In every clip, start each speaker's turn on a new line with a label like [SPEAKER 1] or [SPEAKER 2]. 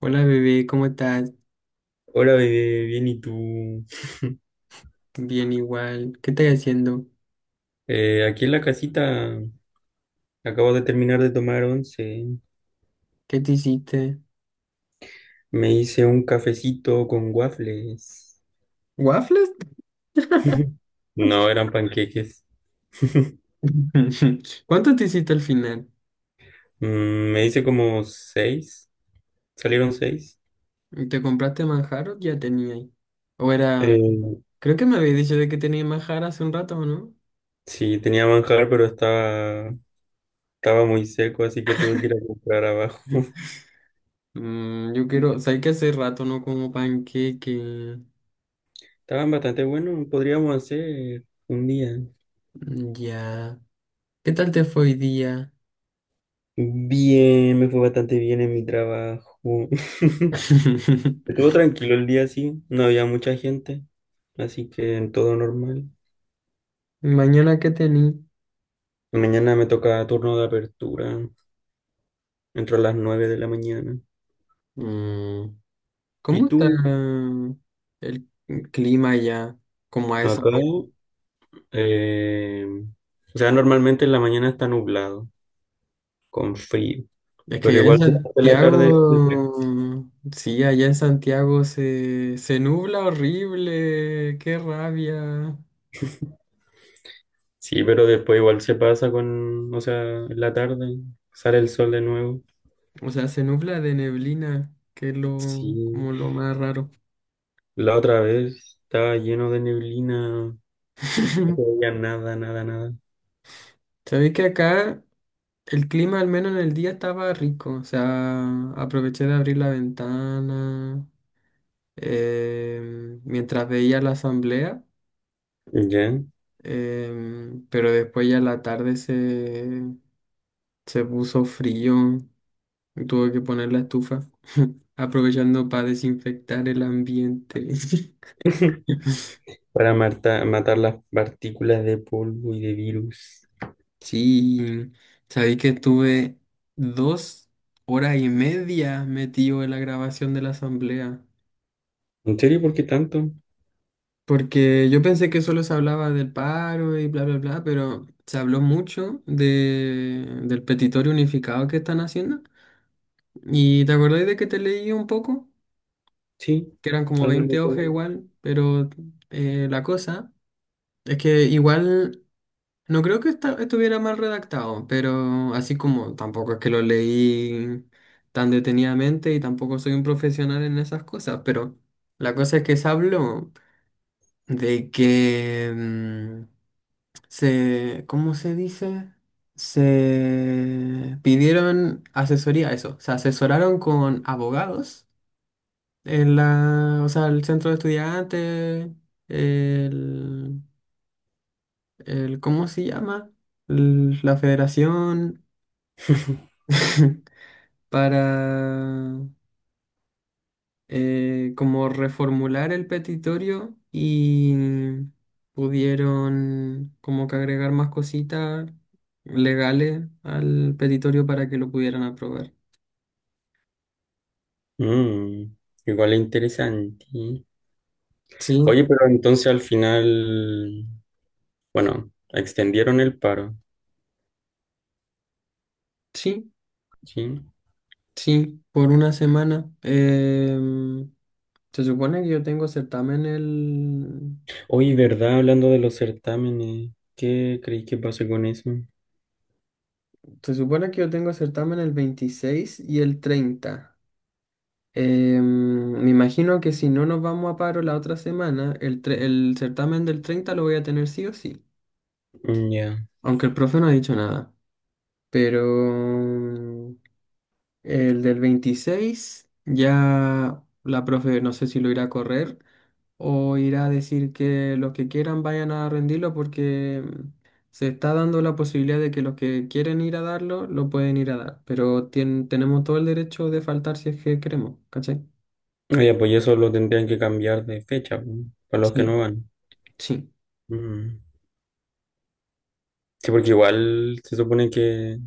[SPEAKER 1] Hola bebé, ¿cómo estás?
[SPEAKER 2] Hola, bebé, bien, ¿y tú?
[SPEAKER 1] Bien igual. ¿Qué estás haciendo?
[SPEAKER 2] Aquí en la casita acabo de terminar de tomar once.
[SPEAKER 1] ¿Qué te hiciste?
[SPEAKER 2] Me hice un cafecito con waffles.
[SPEAKER 1] ¿Waffles?
[SPEAKER 2] No, eran panqueques.
[SPEAKER 1] ¿Cuánto te hiciste al final?
[SPEAKER 2] Me hice como seis. Salieron seis.
[SPEAKER 1] ¿Te compraste manjar o ya tenía ahí? O era...
[SPEAKER 2] Eh,
[SPEAKER 1] Creo que me habías dicho de que tenía manjar hace un rato, ¿no?
[SPEAKER 2] sí, tenía manjar, pero estaba muy seco, así que tuve que ir a comprar abajo.
[SPEAKER 1] Yo quiero... ¿Sabes que hace rato no como panqueque?
[SPEAKER 2] Estaban bastante buenos, podríamos hacer un día.
[SPEAKER 1] Mm, ya. ¿Qué tal te fue hoy día?
[SPEAKER 2] Bien, me fue bastante bien en mi trabajo. Estuvo tranquilo el día, sí, no había mucha gente, así que en todo normal.
[SPEAKER 1] ¿Mañana qué tení?
[SPEAKER 2] Mañana me toca turno de apertura, entro a las 9 de la mañana.
[SPEAKER 1] Mm, ¿Cómo
[SPEAKER 2] ¿Y
[SPEAKER 1] está
[SPEAKER 2] tú?
[SPEAKER 1] el clima allá? Como a esa
[SPEAKER 2] Acá,
[SPEAKER 1] hora.
[SPEAKER 2] eh, o sea, normalmente en la mañana está nublado, con frío,
[SPEAKER 1] Es que
[SPEAKER 2] pero
[SPEAKER 1] allá en
[SPEAKER 2] igual durante la tarde,
[SPEAKER 1] Santiago, sí, allá en Santiago se nubla horrible, qué rabia.
[SPEAKER 2] sí, pero después igual se pasa o sea, en la tarde sale el sol de nuevo.
[SPEAKER 1] O sea, se nubla de neblina, que es lo,
[SPEAKER 2] Sí,
[SPEAKER 1] como lo más raro.
[SPEAKER 2] la otra vez estaba lleno de neblina, no se veía nada, nada, nada.
[SPEAKER 1] Sabéis que acá el clima, al menos en el día, estaba rico. O sea, aproveché de abrir la ventana mientras veía la asamblea.
[SPEAKER 2] ¿Ya?
[SPEAKER 1] Pero después ya la tarde se puso frío y tuve que poner la estufa, aprovechando para desinfectar el ambiente.
[SPEAKER 2] Para matar las partículas de polvo y de virus.
[SPEAKER 1] Sí, sabí que estuve 2 horas y media metido en la grabación de la asamblea,
[SPEAKER 2] ¿En serio? ¿Por qué tanto?
[SPEAKER 1] porque yo pensé que solo se hablaba del paro y bla, bla, bla, pero se habló mucho del petitorio unificado que están haciendo. ¿Y te acordáis de que te leí un poco?
[SPEAKER 2] Sí,
[SPEAKER 1] Que eran como
[SPEAKER 2] algo me
[SPEAKER 1] 20 hojas
[SPEAKER 2] acuerdo.
[SPEAKER 1] igual, pero la cosa es que igual no creo que estuviera mal redactado, pero así como tampoco es que lo leí tan detenidamente y tampoco soy un profesional en esas cosas, pero la cosa es que se habló de que se, ¿cómo se dice? Se pidieron asesoría, eso, se asesoraron con abogados en la, o sea, el centro de estudiantes, el, el ¿cómo se llama? La federación, para como reformular el petitorio y pudieron como que agregar más cositas legales al petitorio para que lo pudieran aprobar.
[SPEAKER 2] Mm, Igual es interesante.
[SPEAKER 1] Sí,
[SPEAKER 2] Oye, pero entonces al final, bueno, extendieron el paro,
[SPEAKER 1] sí,
[SPEAKER 2] ¿sí?
[SPEAKER 1] sí, por una semana. Se supone que yo tengo certamen el...
[SPEAKER 2] Oye, ¿verdad? Hablando de los certámenes, ¿qué creéis que pase con eso?
[SPEAKER 1] Se supone que yo tengo certamen el 26 y el 30. Me imagino que si no nos vamos a paro la otra semana, el certamen del 30 lo voy a tener sí o sí.
[SPEAKER 2] Mm. Ya.
[SPEAKER 1] Aunque el profe no ha dicho nada. Pero em, el del 26 ya la profe no sé si lo irá a correr, o ir a decir que los que quieran vayan a rendirlo, porque se está dando la posibilidad de que los que quieren ir a darlo lo pueden ir a dar, pero tenemos todo el derecho de faltar si es que queremos, ¿cachai?
[SPEAKER 2] Oye, pues eso lo tendrían que cambiar de fecha, po, para los que no
[SPEAKER 1] Sí,
[SPEAKER 2] van.
[SPEAKER 1] sí.
[SPEAKER 2] Mm. Sí, porque igual se supone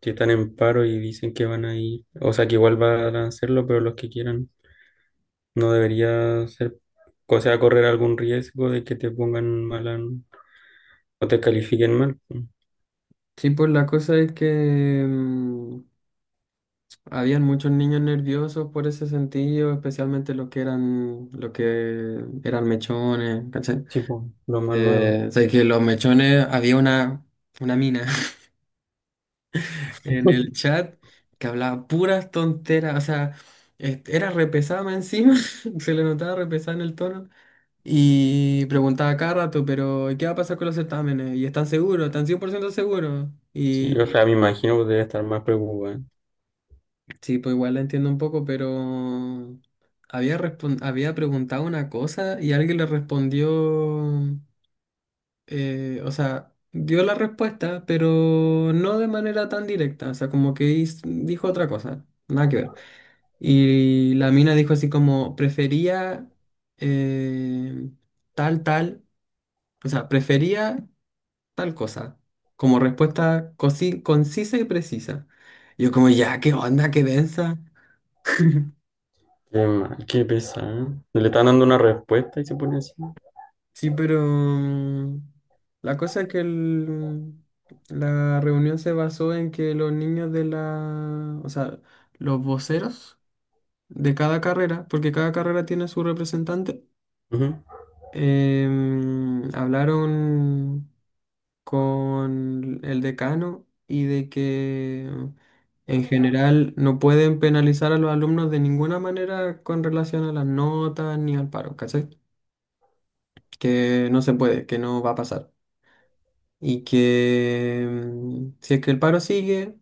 [SPEAKER 2] que están en paro y dicen que van a ir, o sea, que igual van a hacerlo, pero los que quieran no debería ser, o sea, correr algún riesgo de que te pongan o te califiquen mal.
[SPEAKER 1] Sí, pues la cosa es que habían muchos niños nerviosos por ese sentido, especialmente los que eran mechones, ¿cachai?
[SPEAKER 2] Tipo, lo más nuevo.
[SPEAKER 1] O sea, que los mechones había una mina en el chat que hablaba puras tonteras, o sea, este, era repesada más encima, se le notaba repesada en el tono. Y preguntaba cada rato, pero ¿qué va a pasar con los certámenes? ¿Y están seguros? ¿Están 100% seguros?
[SPEAKER 2] Sí,
[SPEAKER 1] Y
[SPEAKER 2] o sea, me imagino que debe estar más preocupada.
[SPEAKER 1] sí, pues igual la entiendo un poco, pero había, había preguntado una cosa y alguien le respondió, o sea, dio la respuesta, pero no de manera tan directa, o sea, como que dijo otra cosa, nada que ver. Y la mina dijo así como, prefería eh, tal, tal, o sea, prefería tal cosa, como respuesta concisa y precisa. Yo como, ya, qué onda, qué densa.
[SPEAKER 2] Qué mal, qué pesado. Le están dando una respuesta y se pone así.
[SPEAKER 1] Sí, pero la cosa es que la reunión se basó en que los niños de la, o sea, los voceros de cada carrera, porque cada carrera tiene su representante,
[SPEAKER 2] Ujú.
[SPEAKER 1] hablaron con el decano y de que en general no pueden penalizar a los alumnos de ninguna manera con relación a las notas ni al paro, ¿cachai? Que no se puede, que no va a pasar. Y que si es que el paro sigue,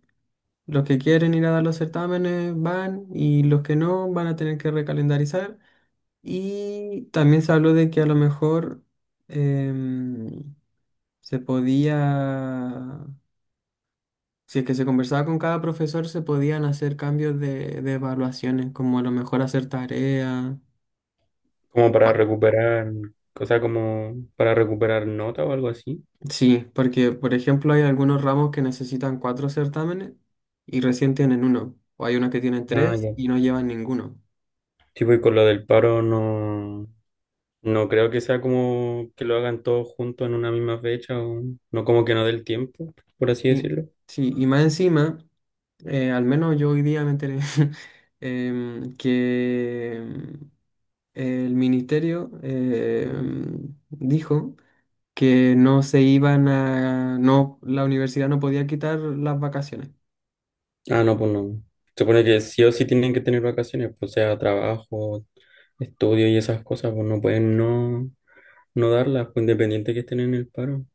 [SPEAKER 1] los que quieren ir a dar los certámenes van y los que no van a tener que recalendarizar. Y también se habló de que a lo mejor em, se podía. Si es que se conversaba con cada profesor, se podían hacer cambios de evaluaciones, como a lo mejor hacer tareas.
[SPEAKER 2] Como para recuperar, o sea, como para recuperar nota o algo así.
[SPEAKER 1] Sí, porque por ejemplo hay algunos ramos que necesitan cuatro certámenes y recién tienen uno, o hay unos que tienen
[SPEAKER 2] Ah,
[SPEAKER 1] tres
[SPEAKER 2] ya.
[SPEAKER 1] y no llevan ninguno.
[SPEAKER 2] Tipo, y con lo del paro no, no creo que sea como que lo hagan todos juntos en una misma fecha, o no como que no del tiempo, por así
[SPEAKER 1] Sí,
[SPEAKER 2] decirlo.
[SPEAKER 1] sí, y más encima, al menos yo hoy día me enteré que el ministerio dijo que no se iban a, no, la universidad no podía quitar las vacaciones.
[SPEAKER 2] Ah, no, pues no. Se supone que sí o sí tienen que tener vacaciones, pues sea trabajo, estudio y esas cosas, pues no pueden no darlas, pues independiente que estén en el paro.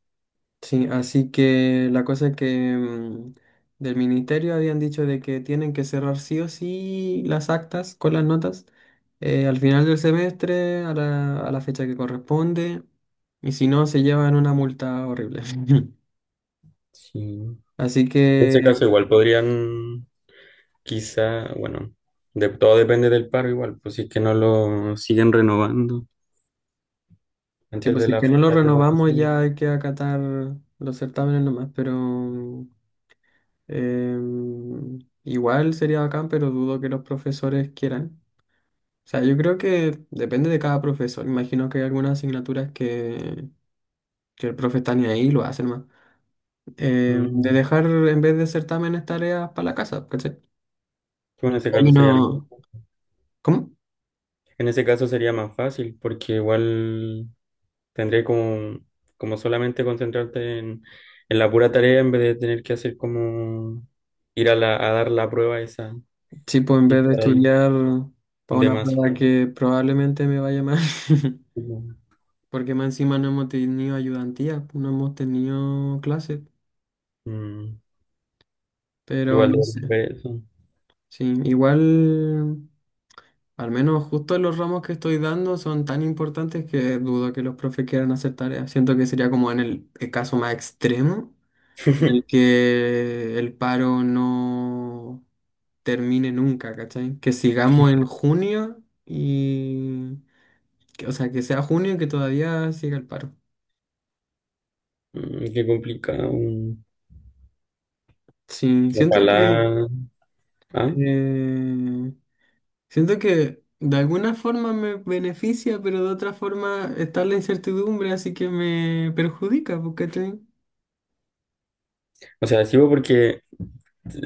[SPEAKER 1] Sí, así que la cosa es que del ministerio habían dicho de que tienen que cerrar sí o sí las actas con las notas al final del semestre, a la fecha que corresponde, y si no, se llevan una multa horrible.
[SPEAKER 2] Sí.
[SPEAKER 1] Así
[SPEAKER 2] En
[SPEAKER 1] que,
[SPEAKER 2] ese caso igual podrían, quizá, bueno, todo depende del paro igual, pues si es que no lo siguen renovando
[SPEAKER 1] sí,
[SPEAKER 2] antes
[SPEAKER 1] pues
[SPEAKER 2] de
[SPEAKER 1] si es que
[SPEAKER 2] las
[SPEAKER 1] no lo
[SPEAKER 2] fechas de
[SPEAKER 1] renovamos
[SPEAKER 2] vacaciones.
[SPEAKER 1] ya hay que acatar los certámenes nomás, pero igual sería bacán, pero dudo que los profesores quieran. O sea, yo creo que depende de cada profesor. Imagino que hay algunas asignaturas que el profe está ni ahí, lo hacen más. De
[SPEAKER 2] Mm.
[SPEAKER 1] dejar, en vez de certámenes, tareas para la casa, ¿cachai?
[SPEAKER 2] Pues en ese
[SPEAKER 1] Hay
[SPEAKER 2] caso sería,
[SPEAKER 1] uno... ¿Cómo?
[SPEAKER 2] en ese caso sería más fácil porque igual tendré como, como solamente concentrarte en la pura tarea en vez de tener que hacer como ir a dar la prueba esa
[SPEAKER 1] Sí, pues en
[SPEAKER 2] y
[SPEAKER 1] vez de
[SPEAKER 2] estar ahí
[SPEAKER 1] estudiar para una prueba
[SPEAKER 2] demasiado.
[SPEAKER 1] que probablemente me vaya mal, porque más encima no hemos tenido ayudantía, no hemos tenido clases,
[SPEAKER 2] Mm,
[SPEAKER 1] pero
[SPEAKER 2] Igual de
[SPEAKER 1] no sé.
[SPEAKER 2] ver eso.
[SPEAKER 1] Sí, igual. Al menos justo los ramos que estoy dando son tan importantes que dudo que los profes quieran hacer tareas. Siento que sería como en el caso más extremo, en el que el paro no termine nunca, ¿cachai? Que sigamos en junio y... que, o sea, que sea junio y que todavía siga el paro.
[SPEAKER 2] Qué complicado.
[SPEAKER 1] Sí,
[SPEAKER 2] Ojalá. ¿Ah?
[SPEAKER 1] eh, siento que de alguna forma me beneficia, pero de otra forma está la incertidumbre, así que me perjudica, pues, ¿cachai?
[SPEAKER 2] O sea, sí, porque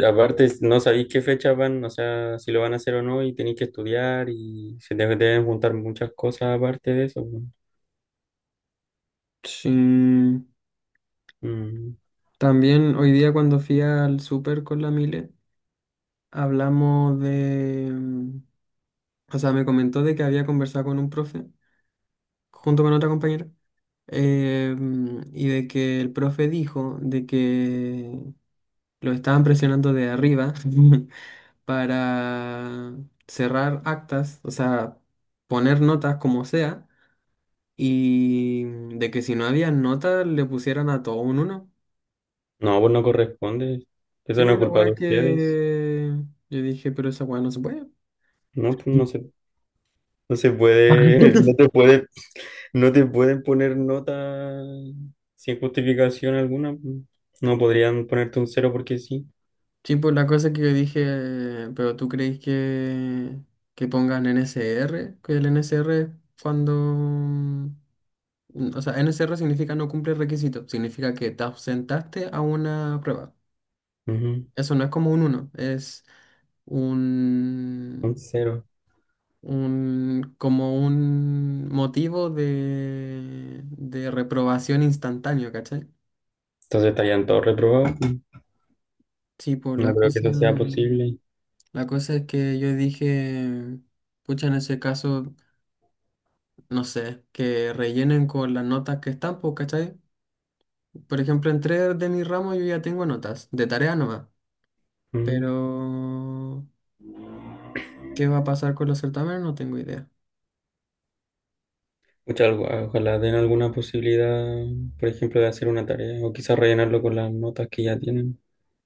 [SPEAKER 2] aparte, no sabéis qué fecha van, o sea, si lo van a hacer o no, y tenéis que estudiar y se te deben juntar muchas cosas aparte de eso, pues.
[SPEAKER 1] Sí,
[SPEAKER 2] Mm.
[SPEAKER 1] también hoy día cuando fui al súper con la Mile, hablamos de, o sea, me comentó de que había conversado con un profe, junto con otra compañera, y de que el profe dijo de que lo estaban presionando de arriba para cerrar actas, o sea, poner notas como sea, y de que si no había notas le pusieran a todo un uno.
[SPEAKER 2] No, pues no corresponde.
[SPEAKER 1] Sí,
[SPEAKER 2] Eso no
[SPEAKER 1] pues
[SPEAKER 2] es
[SPEAKER 1] la
[SPEAKER 2] culpa de
[SPEAKER 1] weá
[SPEAKER 2] ustedes.
[SPEAKER 1] que yo dije, pero esa weá no se puede.
[SPEAKER 2] No, pues no se puede, no te pueden poner nota sin justificación alguna, pues. No podrían ponerte un cero porque sí.
[SPEAKER 1] Sí, pues la cosa que yo dije, pero tú crees que pongan NSR, que el NSR cuando, o sea, NSR significa no cumple requisitos, significa que te ausentaste a una prueba.
[SPEAKER 2] Ujú.
[SPEAKER 1] Eso no es como un uno, es
[SPEAKER 2] Un
[SPEAKER 1] un,
[SPEAKER 2] cero.
[SPEAKER 1] un como un motivo de reprobación instantáneo, ¿cachai?
[SPEAKER 2] Entonces estarían todos reprobados, pues.
[SPEAKER 1] Sí, pues
[SPEAKER 2] No
[SPEAKER 1] la
[SPEAKER 2] creo que
[SPEAKER 1] cosa,
[SPEAKER 2] eso sea posible.
[SPEAKER 1] la cosa es que yo dije, pucha, en ese caso, no sé, que rellenen con las notas que están, pues, ¿cachai? Por ejemplo, en tres de mi ramo yo ya tengo notas, de tarea nomás,
[SPEAKER 2] Ujú.
[SPEAKER 1] pero ¿qué va a pasar con los certámenes? No tengo idea.
[SPEAKER 2] Pucha, ojalá den alguna posibilidad, por ejemplo, de hacer una tarea o quizás rellenarlo con las notas que ya tienen.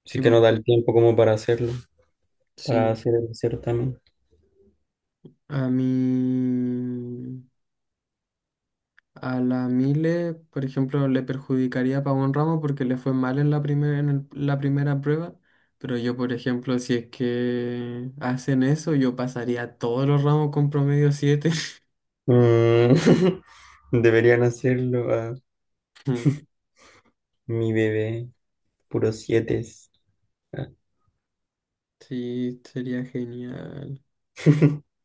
[SPEAKER 2] Sí
[SPEAKER 1] Sí,
[SPEAKER 2] que
[SPEAKER 1] pues,
[SPEAKER 2] no da el tiempo como para hacerlo, para
[SPEAKER 1] sí.
[SPEAKER 2] hacer el certamen.
[SPEAKER 1] A mí... A la Mile, por ejemplo, le perjudicaría a Pavón Ramos porque le fue mal en la primera, en la primera prueba. Pero yo, por ejemplo, si es que hacen eso, yo pasaría todos los ramos con promedio siete.
[SPEAKER 2] Mm. Deberían hacerlo a mi bebé, puro siete. Ah.
[SPEAKER 1] Sí, sería genial.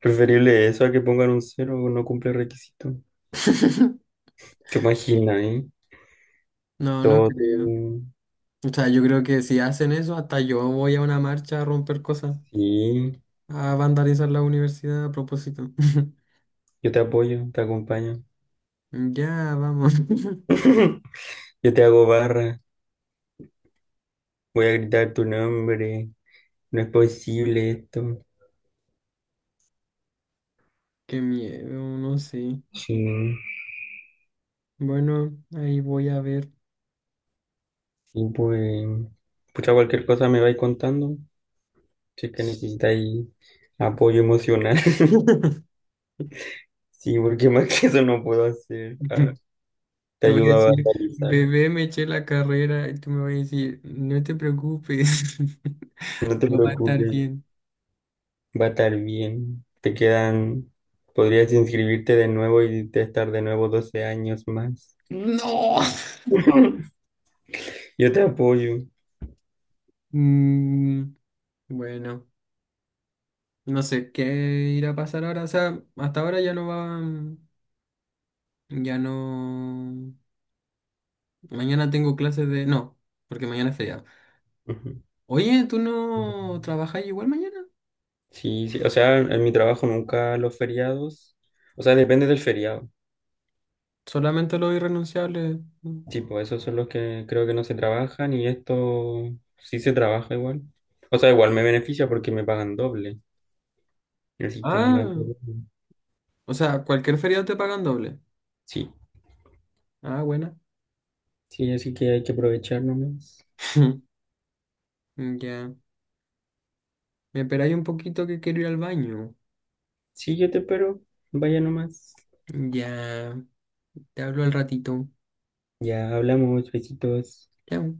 [SPEAKER 2] Preferible eso a que pongan un cero o no cumple requisito. ¿Te imaginas, eh?
[SPEAKER 1] No, no
[SPEAKER 2] Todo.
[SPEAKER 1] creo. O sea, yo creo que si hacen eso, hasta yo voy a una marcha a romper cosas,
[SPEAKER 2] Sí,
[SPEAKER 1] a vandalizar la universidad a propósito.
[SPEAKER 2] yo te apoyo, te acompaño.
[SPEAKER 1] Ya, vamos.
[SPEAKER 2] Yo te hago barra, voy a gritar tu nombre. No es posible esto.
[SPEAKER 1] Qué miedo, no sé.
[SPEAKER 2] Sí,
[SPEAKER 1] Bueno, ahí voy a ver.
[SPEAKER 2] y pues, pucha, cualquier cosa me vais contando. Si es que necesitáis apoyo emocional. Sí, porque más que eso no puedo hacer. Ah, te
[SPEAKER 1] Te voy a
[SPEAKER 2] ayudo a
[SPEAKER 1] decir,
[SPEAKER 2] batalizar.
[SPEAKER 1] bebé, me eché la carrera y tú me vas a decir, no te preocupes,
[SPEAKER 2] No te
[SPEAKER 1] no va a estar
[SPEAKER 2] preocupes,
[SPEAKER 1] bien.
[SPEAKER 2] va a estar bien. Te quedan, podrías inscribirte de nuevo y te estar de nuevo 12 años más.
[SPEAKER 1] No.
[SPEAKER 2] Yo te apoyo.
[SPEAKER 1] Mm, bueno, no sé qué irá a pasar ahora. O sea, hasta ahora ya no va, ya no. Mañana tengo clases de. No, porque mañana es feriado.
[SPEAKER 2] Ujú.
[SPEAKER 1] Oye, ¿tú no trabajas igual mañana?
[SPEAKER 2] Sí, sí, o sea, en mi trabajo nunca los feriados, o sea, depende del feriado.
[SPEAKER 1] Solamente los irrenunciables.
[SPEAKER 2] Sí, pues esos son los que creo que no se trabajan y esto sí se trabaja igual. O sea, igual me beneficia porque me pagan doble. Así que no
[SPEAKER 1] Ah,
[SPEAKER 2] hay problema.
[SPEAKER 1] o sea, cualquier feriado te pagan doble.
[SPEAKER 2] Sí,
[SPEAKER 1] Ah, buena.
[SPEAKER 2] sí, así que hay que aprovechar nomás.
[SPEAKER 1] Mm, ya, me esperáis un poquito que quiero ir al baño.
[SPEAKER 2] Sí, yo te espero. Vaya nomás.
[SPEAKER 1] Ya, te hablo al ratito.
[SPEAKER 2] Ya hablamos, besitos.
[SPEAKER 1] Chao.